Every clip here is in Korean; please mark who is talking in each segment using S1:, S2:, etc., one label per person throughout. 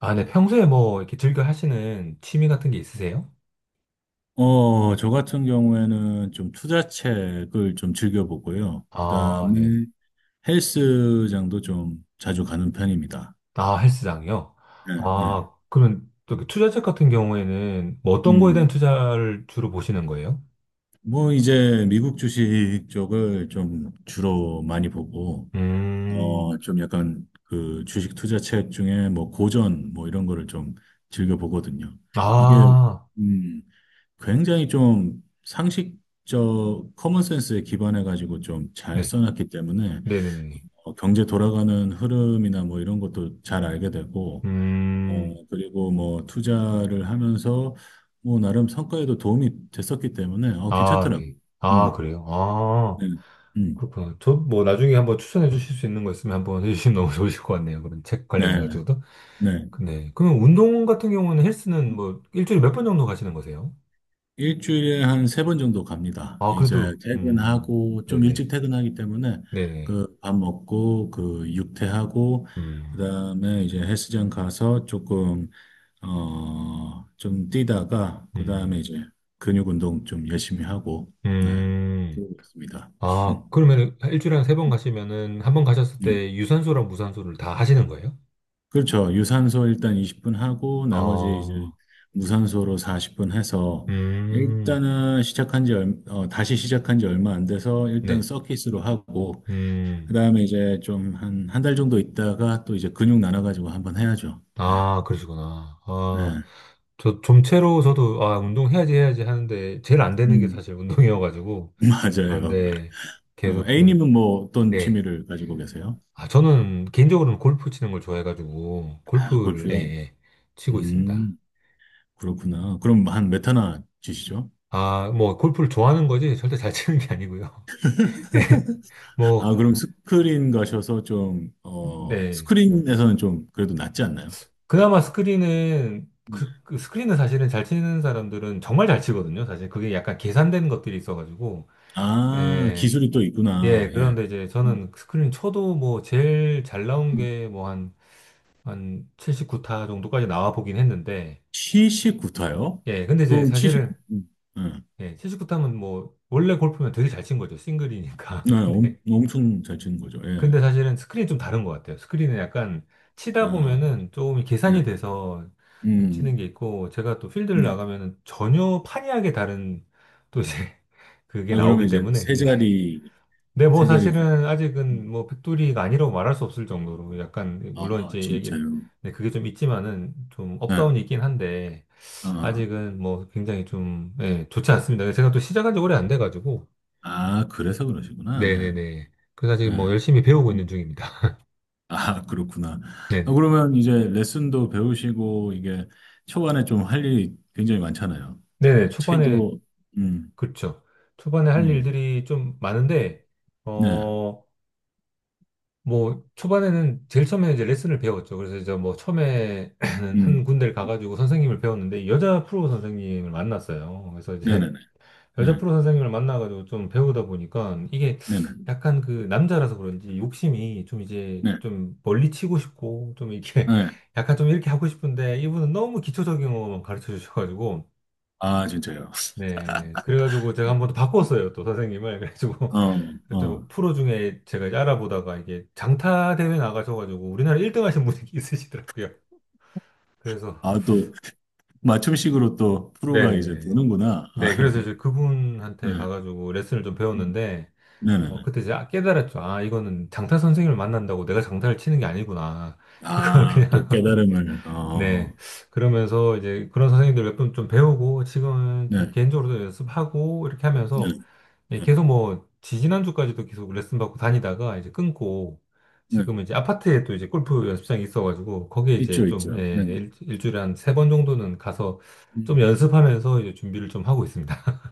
S1: 아, 네. 평소에 뭐 이렇게 즐겨 하시는 취미 같은 게 있으세요?
S2: 저 같은 경우에는 좀 투자책을 좀 즐겨보고요.
S1: 아, 네네.
S2: 그다음에 헬스장도 좀 자주 가는 편입니다.
S1: 아, 헬스장이요?
S2: 네, 네.
S1: 아, 그러면 또그 투자책 같은 경우에는 뭐 어떤 거에 대한
S2: 음.
S1: 투자를 주로 보시는 거예요?
S2: 뭐 이제 미국 주식 쪽을 좀 주로 많이 보고
S1: 음,
S2: 좀 약간 그 주식 투자책 중에 뭐 고전 뭐 이런 거를 좀 즐겨 보거든요. 이게
S1: 아,
S2: 음, 굉장히 좀 상식적 커먼센스에 기반해 가지고 좀 잘
S1: 네.
S2: 써놨기 때문에
S1: 네네네.
S2: 경제 돌아가는 흐름이나 뭐 이런 것도 잘 알게 되고,
S1: 음,
S2: 그리고 뭐 투자를 하면서 뭐 나름 성과에도 도움이 됐었기 때문에
S1: 아,
S2: 괜찮더라고요.
S1: 네. 아,
S2: 음,
S1: 그래요? 아,
S2: 네, 음,
S1: 그렇구나. 저 뭐 나중에 한번 추천해 주실 수 있는 거 있으면 한번 해주시면 너무 좋으실 것 같네요. 그런 책
S2: 네,
S1: 관련해가지고도.
S2: 네.
S1: 네. 그러면 운동 같은 경우는 헬스는 뭐 일주일에 몇 번 정도 가시는 거세요?
S2: 일주일에 한 세 번 정도 갑니다.
S1: 아,
S2: 이제
S1: 그래도,
S2: 퇴근하고 좀 일찍
S1: 네네,
S2: 퇴근하기 때문에
S1: 네네,
S2: 그 밥 먹고 그 육퇴하고
S1: 음,
S2: 그다음에 이제 헬스장 가서 조금 좀 뛰다가 그다음에
S1: 음,
S2: 이제 근육 운동 좀 열심히 하고 네.
S1: 음.
S2: 그러고 있습니다.
S1: 아, 그러면 일주일에 한 세 번 가시면은, 한 번 가셨을
S2: 음.
S1: 때 유산소랑 무산소를 다 하시는 거예요?
S2: 그렇죠. 유산소 일단 20분 하고 나머지 이제
S1: 아,
S2: 무산소로 40분 해서
S1: 음,
S2: 일단은 시작한 지 다시 시작한 지 얼마 안 돼서 일단
S1: 네,
S2: 서킷으로 하고
S1: 음,
S2: 그다음에 이제 좀 한 한 달 정도 있다가 또 이제 근육 나눠 가지고 한번 해야죠. 예.
S1: 아, 그러시구나. 아,
S2: 예.
S1: 저 좀채로 저도, 아, 운동해야지 해야지 하는데, 제일 안 되는 게
S2: 음.
S1: 사실 운동이어가지고, 아,
S2: 맞아요.
S1: 근데 계속 지금,
S2: A님은 뭐 어떤
S1: 네.
S2: 취미를 가지고 계세요?
S1: 아, 저는 개인적으로는 골프 치는 걸 좋아해가지고,
S2: 아,
S1: 골프를, 예,
S2: 골프요.
S1: 예, 치고 있습니다.
S2: 음, 그렇구나. 그럼 한 몇 타나 치시죠?
S1: 아, 뭐, 골프를 좋아하는 거지, 절대 잘 치는 게 아니고요. 예, 뭐,
S2: 아, 그럼 스크린 가셔서 좀,
S1: 네.
S2: 스크린에서는 좀 그래도 낫지 않나요?
S1: 그나마 스크린은,
S2: 음.
S1: 그, 그 스크린은 사실은 잘 치는 사람들은 정말 잘 치거든요. 사실 그게 약간 계산된 것들이 있어가지고,
S2: 아,
S1: 예,
S2: 기술이 또 있구나.
S1: 예,
S2: 예.
S1: 그런데 이제
S2: 음,
S1: 저는 스크린 쳐도 뭐, 제일 잘 나온
S2: 음.
S1: 게 뭐, 한, 한 79타 정도까지 나와 보긴 했는데,
S2: 79타요?
S1: 예, 근데 이제
S2: 그럼 70,
S1: 사실은,
S2: 예.
S1: 예, 79탐은 뭐, 원래 골프면 되게 잘 친 거죠. 싱글이니까.
S2: 네, 엄,
S1: 근데,
S2: 엄청 잘 치는 거죠. 예.
S1: 근데 사실은 스크린이 좀 다른 것 같아요. 스크린은 약간 치다
S2: 아,
S1: 보면은 조금 계산이
S2: 네.
S1: 돼서 좀 치는
S2: 음,
S1: 게 있고, 제가 또 필드를
S2: 네.
S1: 나가면은 전혀 판이하게 다른 또 이제 그게
S2: 아, 그러면
S1: 나오기
S2: 이제
S1: 때문에.
S2: 세
S1: 예.
S2: 자리,
S1: 근데 뭐
S2: 세 자리.
S1: 사실은 아직은
S2: 음.
S1: 뭐 백돌이가 아니라고 말할 수 없을 정도로 약간, 물론
S2: 아,
S1: 이제 얘기를,
S2: 진짜요?
S1: 네, 그게 좀 있지만은 좀
S2: 네.
S1: 업다운이 있긴 한데,
S2: 아,
S1: 아직은 뭐 굉장히 좀, 예, 좋지 않습니다. 제가 또 시작한 지 오래 안 돼가지고,
S2: 아, 그래서 그러시구나. 네.
S1: 네네네. 그래서 아직 뭐 열심히 배우고
S2: 네.
S1: 있는 중입니다.
S2: 아, 그렇구나. 아,
S1: 네네.
S2: 그러면 이제 레슨도 배우시고, 이게 초반에 좀 할 일이 굉장히 많잖아요.
S1: 네네, 초반에,
S2: 체조, 음,
S1: 그렇죠. 초반에 할
S2: 음,
S1: 일들이 좀 많은데,
S2: 네,
S1: 어, 뭐, 초반에는 제일 처음에 이제 레슨을 배웠죠. 그래서 이제 뭐, 처음에는 한
S2: 음,
S1: 군데를 가가지고 선생님을 배웠는데, 여자 프로 선생님을 만났어요. 그래서 이제
S2: 네네네,
S1: 여자
S2: 네,
S1: 프로 선생님을 만나가지고 좀 배우다 보니까 이게
S2: 네네, 네,
S1: 약간 그 남자라서 그런지 욕심이 좀 이제
S2: 네.
S1: 좀 멀리 치고 싶고 좀
S2: 네,
S1: 이렇게
S2: 네, 네.
S1: 약간 좀 이렇게 하고 싶은데 이분은 너무 기초적인 것만 가르쳐 주셔가지고
S2: 아, 진짜요.
S1: 네 그래가지고 제가 한번 더 바꿨어요 또 선생님을 그래가지고
S2: 어,
S1: 또
S2: 어.
S1: 프로 중에 제가 이제 알아보다가 이게 장타 대회 나가셔가지고 우리나라 1등 하신 분이 있으시더라고요 그래서
S2: 아, 또, 맞춤식으로 또 프로가 이제
S1: 네네네
S2: 되는구나. 아,
S1: 네 그래서 이제 그분한테
S2: 네,
S1: 가가지고 레슨을 좀 배웠는데 어,
S2: 네네네.
S1: 그때 제 깨달았죠. 아, 이거는 장타 선생님을 만난다고 내가 장타를 치는 게 아니구나. 이걸
S2: 아,
S1: 그냥,
S2: 또 깨달음을,
S1: 네.
S2: 어,
S1: 그러면서 이제 그런 선생님들 몇 분 좀 배우고, 지금은 좀
S2: 네,
S1: 개인적으로도 연습하고, 이렇게
S2: 네,
S1: 하면서, 예,
S2: 네,
S1: 계속 뭐, 지지난주까지도 계속 레슨 받고 다니다가 이제 끊고,
S2: 네.
S1: 지금은 이제 아파트에 또 이제 골프 연습장이 있어가지고, 거기에 이제
S2: 있죠,
S1: 좀,
S2: 있죠.
S1: 예,
S2: 네, 네.
S1: 일주일에 한 세 번 정도는 가서 좀
S2: 음.
S1: 연습하면서 이제 준비를 좀 하고 있습니다.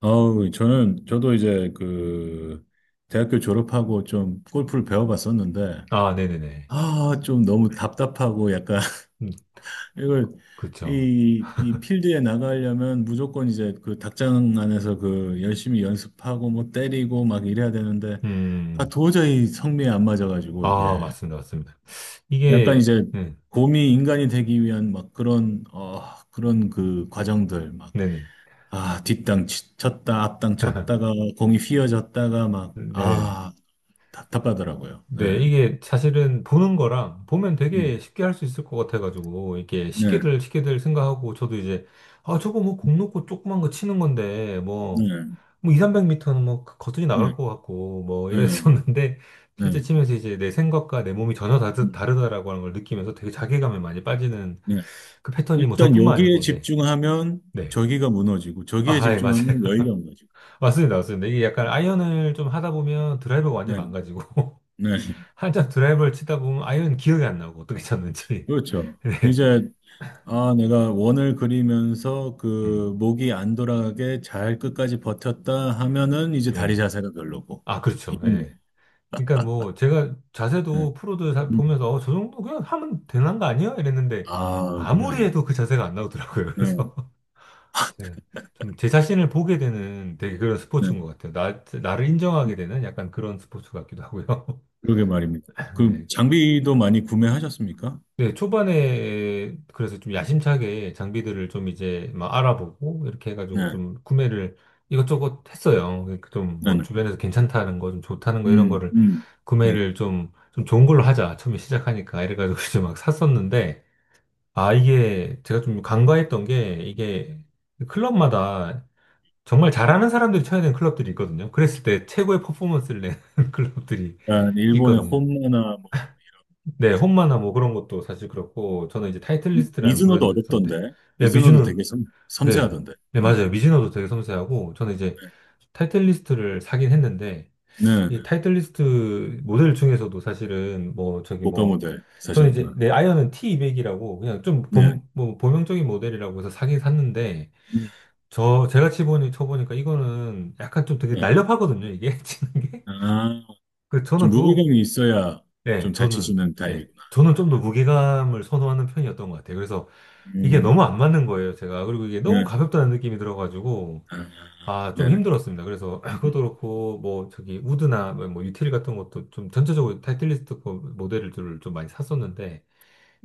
S2: 아우, 저는, 저도 이제 그, 대학교 졸업하고 좀 골프를 배워봤었는데,
S1: 아, 네네네.
S2: 아, 좀 너무 답답하고 약간,
S1: 음,
S2: 이걸,
S1: 그렇죠.
S2: 이 필드에 나가려면 무조건 이제 그 닭장 안에서 그 열심히 연습하고 뭐 때리고 막 이래야 되는데, 아,
S1: 음.
S2: 도저히 성미에 안 맞아가지고 이게.
S1: 아, 맞습니다. 맞습니다.
S2: 약간
S1: 이게,
S2: 이제
S1: 네,
S2: 곰이 인간이 되기 위한 막 그런 그 과정들,
S1: 네네.
S2: 아, 뒷땅 쳤다, 앞땅 쳤다가 공이 휘어졌다가 막,
S1: 네네.
S2: 아, 답답하더라고요. 예.
S1: 네, 이게 사실은 보는 거랑 보면 되게
S2: 음.
S1: 쉽게 할 수 있을 것 같아가지고, 이게 렇
S2: 네,
S1: 쉽게들 생각하고, 저도 이제, 아, 저거 뭐 공 놓고 조그만 거 치는 건데, 뭐,
S2: 네,
S1: 뭐 2, 300m는 뭐 거뜬히
S2: 네,
S1: 나갈 것 같고, 뭐
S2: 네,
S1: 이랬었는데, 실제
S2: 네,
S1: 치면서 이제 내 생각과 내 몸이 전혀 다르,
S2: 음,
S1: 다르다라고 하는 걸 느끼면서 되게 자괴감에 많이 빠지는
S2: 네.
S1: 그 패턴이 뭐
S2: 일단
S1: 저뿐만
S2: 여기에
S1: 아니고, 네.
S2: 집중하면
S1: 네.
S2: 저기가 무너지고, 저기에
S1: 아, 예, 맞아요.
S2: 집중하면 여기가 무너지고.
S1: 맞습니다, 맞습니다. 이게 약간 아이언을 좀 하다 보면 드라이버가 완전 히
S2: 네,
S1: 망가지고,
S2: 네.
S1: 한참 드라이버를 치다 보면 아이언 기억이 안 나고, 어떻게 쳤는지.
S2: 그렇죠.
S1: 네.
S2: 이제, 아, 내가 원을 그리면서
S1: 음.
S2: 그 목이 안 돌아가게 잘 끝까지 버텼다 하면은 이제 다리
S1: 예.
S2: 자세가 별로고.
S1: 아, 그렇죠.
S2: 이런 거.
S1: 예. 그러니까 뭐, 제가
S2: 네.
S1: 자세도 프로들
S2: 음.
S1: 보면서, 어, 저 정도 그냥 하면 되는 거 아니야? 이랬는데,
S2: 아, 그게
S1: 아무리
S2: 아닙니다.
S1: 해도 그 자세가 안 나오더라고요.
S2: 네.
S1: 그래서, 제가 좀 제 자신을 보게 되는 되게 그런
S2: 네,
S1: 스포츠인 것 같아요. 나를 인정하게 되는 약간 그런 스포츠 같기도 하고요.
S2: 그러게 말입니다. 그
S1: 네.
S2: 장비도 많이 구매하셨습니까?
S1: 네, 초반에 그래서 좀 야심차게 장비들을 좀 이제 막 알아보고 이렇게 해가지고
S2: 네,
S1: 좀 구매를 이것저것 했어요. 그러니까 좀
S2: 네,
S1: 뭐
S2: 네.
S1: 주변에서 괜찮다는 거, 좀 좋다는 거 이런
S2: 음,
S1: 거를
S2: 음. 네.
S1: 구매를 좀, 좀 좋은 걸로 하자. 처음에 시작하니까 이래가지고 이제 막 샀었는데 아, 이게 제가 좀 간과했던 게 이게 클럽마다 정말 잘하는 사람들이 쳐야 되는 클럽들이 있거든요. 그랬을 때 최고의 퍼포먼스를 내는 클럽들이
S2: 약간 일본의
S1: 있거든요.
S2: 홈모나 뭐,
S1: 네, 홈마나 뭐 그런 것도 사실 그렇고, 저는 이제
S2: 미-
S1: 타이틀리스트라는
S2: 미즈노도
S1: 브랜드를 썼는데,
S2: 어렵던데.
S1: 네,
S2: 미즈노도
S1: 미즈노,
S2: 되게 섬,
S1: 네,
S2: 섬세하던데.
S1: 네,
S2: 네,
S1: 맞아요. 미즈노도 되게 섬세하고, 저는 이제 타이틀리스트를 사긴 했는데,
S2: 네, 네.
S1: 이 타이틀리스트 모델 중에서도 사실은 뭐, 저기
S2: 고가
S1: 뭐,
S2: 모델
S1: 저는 이제
S2: 사셨구나.
S1: 내 아이언은 T200이라고, 그냥 좀
S2: 네,
S1: 본, 뭐, 범용적인 모델이라고 해서 사긴 샀는데,
S2: 음,
S1: 저, 제가 쳐보니까 이거는 약간 좀 되게
S2: 네.
S1: 날렵하거든요, 이게, 치는 게.
S2: 아,
S1: 그, 저는
S2: 좀
S1: 그거
S2: 무게감이 있어야
S1: 네,
S2: 좀 잘
S1: 저는,
S2: 치시는
S1: 네,
S2: 타입이구나.
S1: 저는 좀 더 무게감을 선호하는 편이었던 것 같아요. 그래서 이게
S2: 음,
S1: 너무 안 맞는 거예요, 제가. 그리고 이게 너무
S2: 네.
S1: 가볍다는 느낌이 들어가지고,
S2: 아,
S1: 아, 좀
S2: 네네.
S1: 힘들었습니다. 그래서 그것도 그렇고, 뭐, 저기, 우드나 뭐, 뭐 유틸 같은 것도 좀 전체적으로 타이틀리스트 거 모델들을 좀 많이 샀었는데,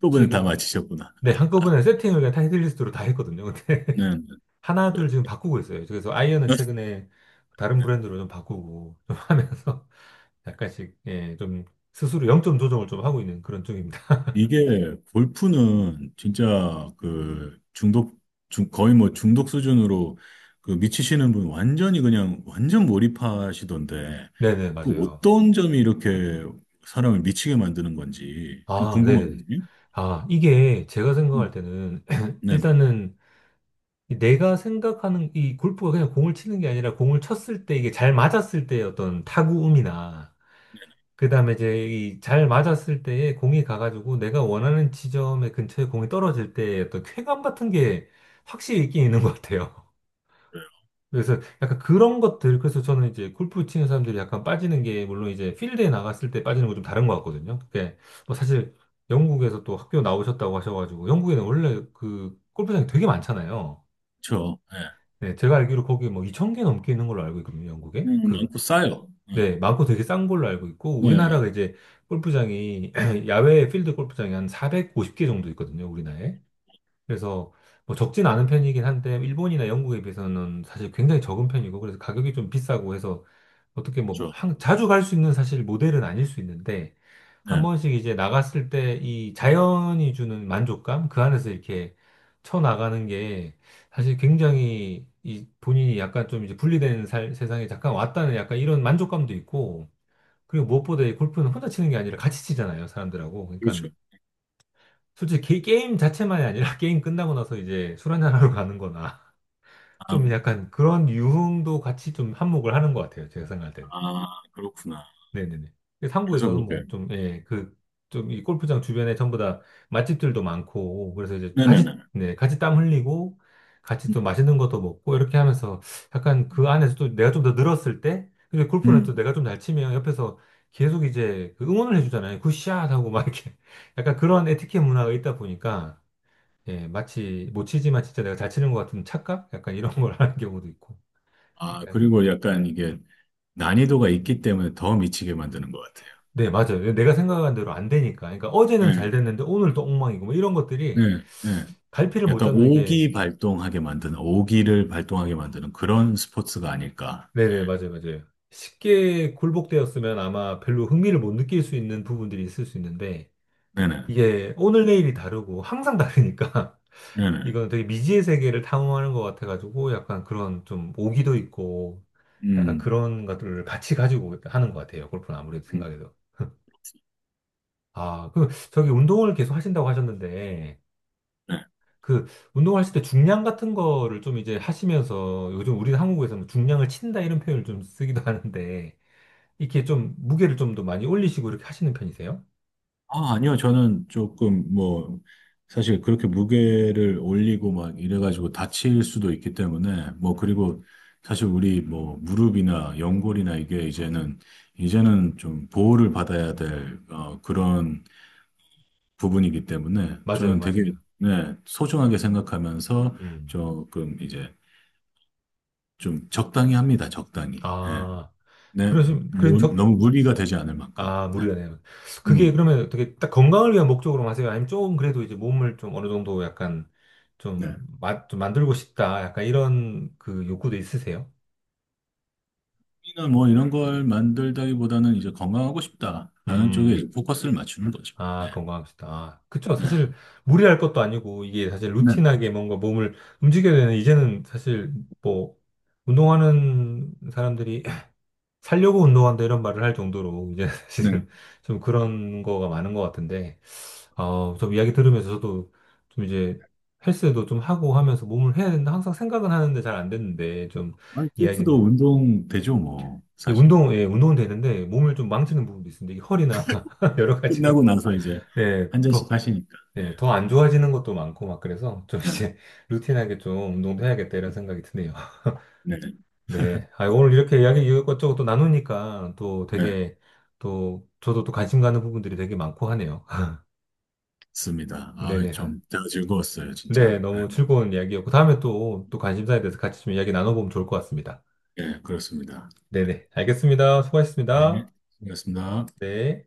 S2: 부분은 다
S1: 최근,
S2: 맞히셨구나.
S1: 네, 한꺼번에 세팅을 그냥 타이틀리스트로 다 했거든요. 근데
S2: 네, 네,
S1: 하나, 둘 지금 바꾸고 있어요. 그래서 아이언은 최근에 다른
S2: 네.
S1: 브랜드로 좀 바꾸고, 좀
S2: 네.
S1: 하면서 약간씩, 예, 좀 스스로 영점 조정을 좀 하고 있는 그런 쪽입니다.
S2: 이게 골프는 진짜 그 중독, 거의 뭐 중독 수준으로 그 미치시는 분 완전히 그냥 완전 몰입하시던데
S1: 네네,
S2: 그
S1: 맞아요.
S2: 어떤 점이 이렇게 사람을 미치게 만드는 건지 좀
S1: 아, 네네네.
S2: 궁금하거든요.
S1: 아, 이게 제가 생각할
S2: 음.
S1: 때는
S2: 네,
S1: 일단은 내가 생각하는 이 골프가 그냥 공을 치는 게 아니라 공을 쳤을 때 이게 잘 맞았을 때의 어떤 타구음이나 그다음에 이제 이 잘 맞았을 때에 공이 가가지고 내가 원하는 지점의 근처에 공이 떨어질 때의 어떤 쾌감 같은 게 확실히 있긴 있는 것 같아요. 그래서 약간 그런 것들, 그래서 저는 이제 골프 치는 사람들이 약간 빠지는 게, 물론 이제 필드에 나갔을 때 빠지는 건 좀 다른 것 같거든요. 그게 뭐 사실 영국에서 또 학교 나오셨다고 하셔가지고, 영국에는 원래 그 골프장이 되게 많잖아요.
S2: 그렇죠. 네.
S1: 네, 제가 알기로 거기 뭐 2,000개 넘게 있는 걸로 알고 있거든요, 영국에. 그,
S2: 많고 싸요. 네,
S1: 네, 많고 되게 싼 걸로 알고 있고,
S2: 네,
S1: 우리나라가 이제 골프장이, 야외 필드 골프장이 한 450개 정도 있거든요, 우리나라에. 그래서 뭐 적진 않은 편이긴 한데 일본이나 영국에 비해서는 사실 굉장히 적은 편이고 그래서 가격이 좀 비싸고 해서 어떻게 뭐
S2: 그렇죠.
S1: 자주 갈 수 있는 사실 모델은 아닐 수 있는데 한
S2: 네,
S1: 번씩 이제 나갔을 때 이 자연이 주는 만족감 그 안에서 이렇게 쳐 나가는 게 사실 굉장히 이 본인이 약간 좀 이제 분리된 살, 세상에 잠깐 왔다는 약간 이런 만족감도 있고 그리고 무엇보다 이 골프는 혼자 치는 게 아니라 같이 치잖아요 사람들하고 그러니까
S2: 그렇죠.
S1: 솔직히 게임 자체만이 아니라 게임 끝나고 나서 이제 술 한잔하러 가는 거나
S2: 아,
S1: 좀 약간 그런 유흥도 같이 좀 한몫을 하는 것 같아요. 제가 생각할 땐.
S2: 아, 그렇구나.
S1: 네네네. 그래서
S2: 그래서
S1: 한국에서는 뭐
S2: 그렇게.
S1: 좀, 예, 그, 좀 이 골프장 주변에 전부 다 맛집들도 많고, 그래서 이제 같이,
S2: 네네네.
S1: 네, 같이 땀 흘리고, 같이
S2: 음.
S1: 또 맛있는 것도 먹고, 이렇게 하면서 약간 그 안에서 또 내가 좀 더 늘었을 때, 근데 골프는 또
S2: 음.
S1: 내가 좀 잘 치면 옆에서 계속 이제 그 응원을 해주잖아요. 굿샷 하고 막 이렇게. 약간 그런 에티켓 문화가 있다 보니까, 예, 마치 못 치지만 진짜 내가 잘 치는 것 같은 착각? 약간 이런 걸 하는 경우도 있고.
S2: 아,
S1: 약간,
S2: 그리고 약간 이게 난이도가 있기 때문에 더 미치게 만드는 것 같아요.
S1: 네, 맞아요. 내가 생각한 대로 안 되니까. 그러니까 어제는
S2: 예,
S1: 잘 됐는데 오늘 또 엉망이고 뭐 이런 것들이
S2: 예, 예.
S1: 갈피를 못
S2: 약간
S1: 잡는 게,
S2: 오기 발동하게 만드는, 오기를 발동하게 만드는 그런 스포츠가 아닐까.
S1: 네네, 맞아요, 맞아요. 쉽게 굴복되었으면 아마 별로 흥미를 못 느낄 수 있는 부분들이 있을 수 있는데
S2: 네네,
S1: 이게 오늘 내일이 다르고 항상 다르니까
S2: 네네.
S1: 이건 되게 미지의 세계를 탐험하는 것 같아가지고 약간 그런 좀 오기도 있고 약간
S2: 음,
S1: 그런 것들을 같이 가지고 하는 것 같아요. 골프는 아무래도
S2: 음,
S1: 생각해도. 아, 그, 저기 운동을 계속 하신다고 하셨는데,
S2: 네.
S1: 그, 운동하실 때 중량 같은 거를 좀 이제 하시면서, 요즘 우리 한국에서는 중량을 친다 이런 표현을 좀 쓰기도 하는데, 이렇게 좀 무게를 좀 더 많이 올리시고 이렇게 하시는 편이세요?
S2: 아, 아니요. 저는 조금 뭐, 사실 그렇게 무게를 올리고 막 이래가지고 다칠 수도 있기 때문에, 뭐,
S1: 음.
S2: 그리고 사실 우리 뭐, 무릎이나 연골이나 이게 이제는, 이제는 좀 보호를 받아야 될, 그런 부분이기 때문에
S1: 맞아요,
S2: 저는 되게
S1: 맞아요.
S2: 네, 소중하게 생각하면서
S1: 음.
S2: 조금 이제 좀 적당히 합니다. 적당히. 예.
S1: 아,
S2: 네,
S1: 그러시면, 그럼
S2: 뭐,
S1: 적,
S2: 너무 무리가 되지 않을 만큼.
S1: 아,
S2: 네.
S1: 무리가 네요 그게
S2: 음,
S1: 그러면 어떻게 딱 건강을 위한 목적으로 하세요? 아니면 조금 그래도 이제 몸을 좀 어느 정도 약간 좀,
S2: 네.
S1: 마, 좀 만들고 싶다, 약간 이런 그 욕구도 있으세요?
S2: 이나 뭐 이런 걸 만들다기보다는 이제 건강하고 싶다라는 쪽에
S1: 음.
S2: 이제 포커스를 맞추는 거죠. 네.
S1: 아, 건강한 식단. 아, 그쵸.
S2: 네.
S1: 사실 무리할 것도 아니고 이게 사실
S2: 네.
S1: 루틴하게 뭔가 몸을 움직여야 되는 이제는 사실 뭐 운동하는 사람들이 살려고 운동한다 이런 말을 할 정도로 이제
S2: 네.
S1: 사실은 좀 그런 거가 많은 것 같은데 어, 좀 이야기 들으면서 저도 좀 이제 헬스도 좀 하고 하면서 몸을 해야 된다 항상 생각은 하는데 잘 안 됐는데 좀
S2: 아니, 골프도
S1: 이야기는
S2: 운동 되죠, 뭐,
S1: 이
S2: 사실.
S1: 운동, 예, 운동은 되는데 몸을 좀 망치는 부분도 있습니다. 이 허리나 여러 가지가
S2: 끝나고 나서 이제
S1: 예,
S2: 한 잔씩
S1: 더
S2: 하시니까. 네.
S1: 네, 더 안 좋아지는 것도 많고 막 그래서 좀 이제 루틴하게 좀 운동도 해야겠다 이런 생각이 드네요.
S2: 네. 네.
S1: 네, 아, 오늘 이렇게 이야기 이것저것 또 나누니까 또
S2: 네.
S1: 되게 또 저도 또 관심 가는 부분들이 되게 많고 하네요.
S2: 맞습니다. 아,
S1: 네네. 아,
S2: 좀, 제가 즐거웠어요,
S1: 네,
S2: 진짜.
S1: 너무 즐거운 이야기였고 다음에 또 또 관심사에 대해서 같이 좀 이야기 나눠보면 좋을 것 같습니다.
S2: 예, 그렇습니다.
S1: 네네. 알겠습니다.
S2: 예,
S1: 수고하셨습니다.
S2: 수고하셨습니다.
S1: 네.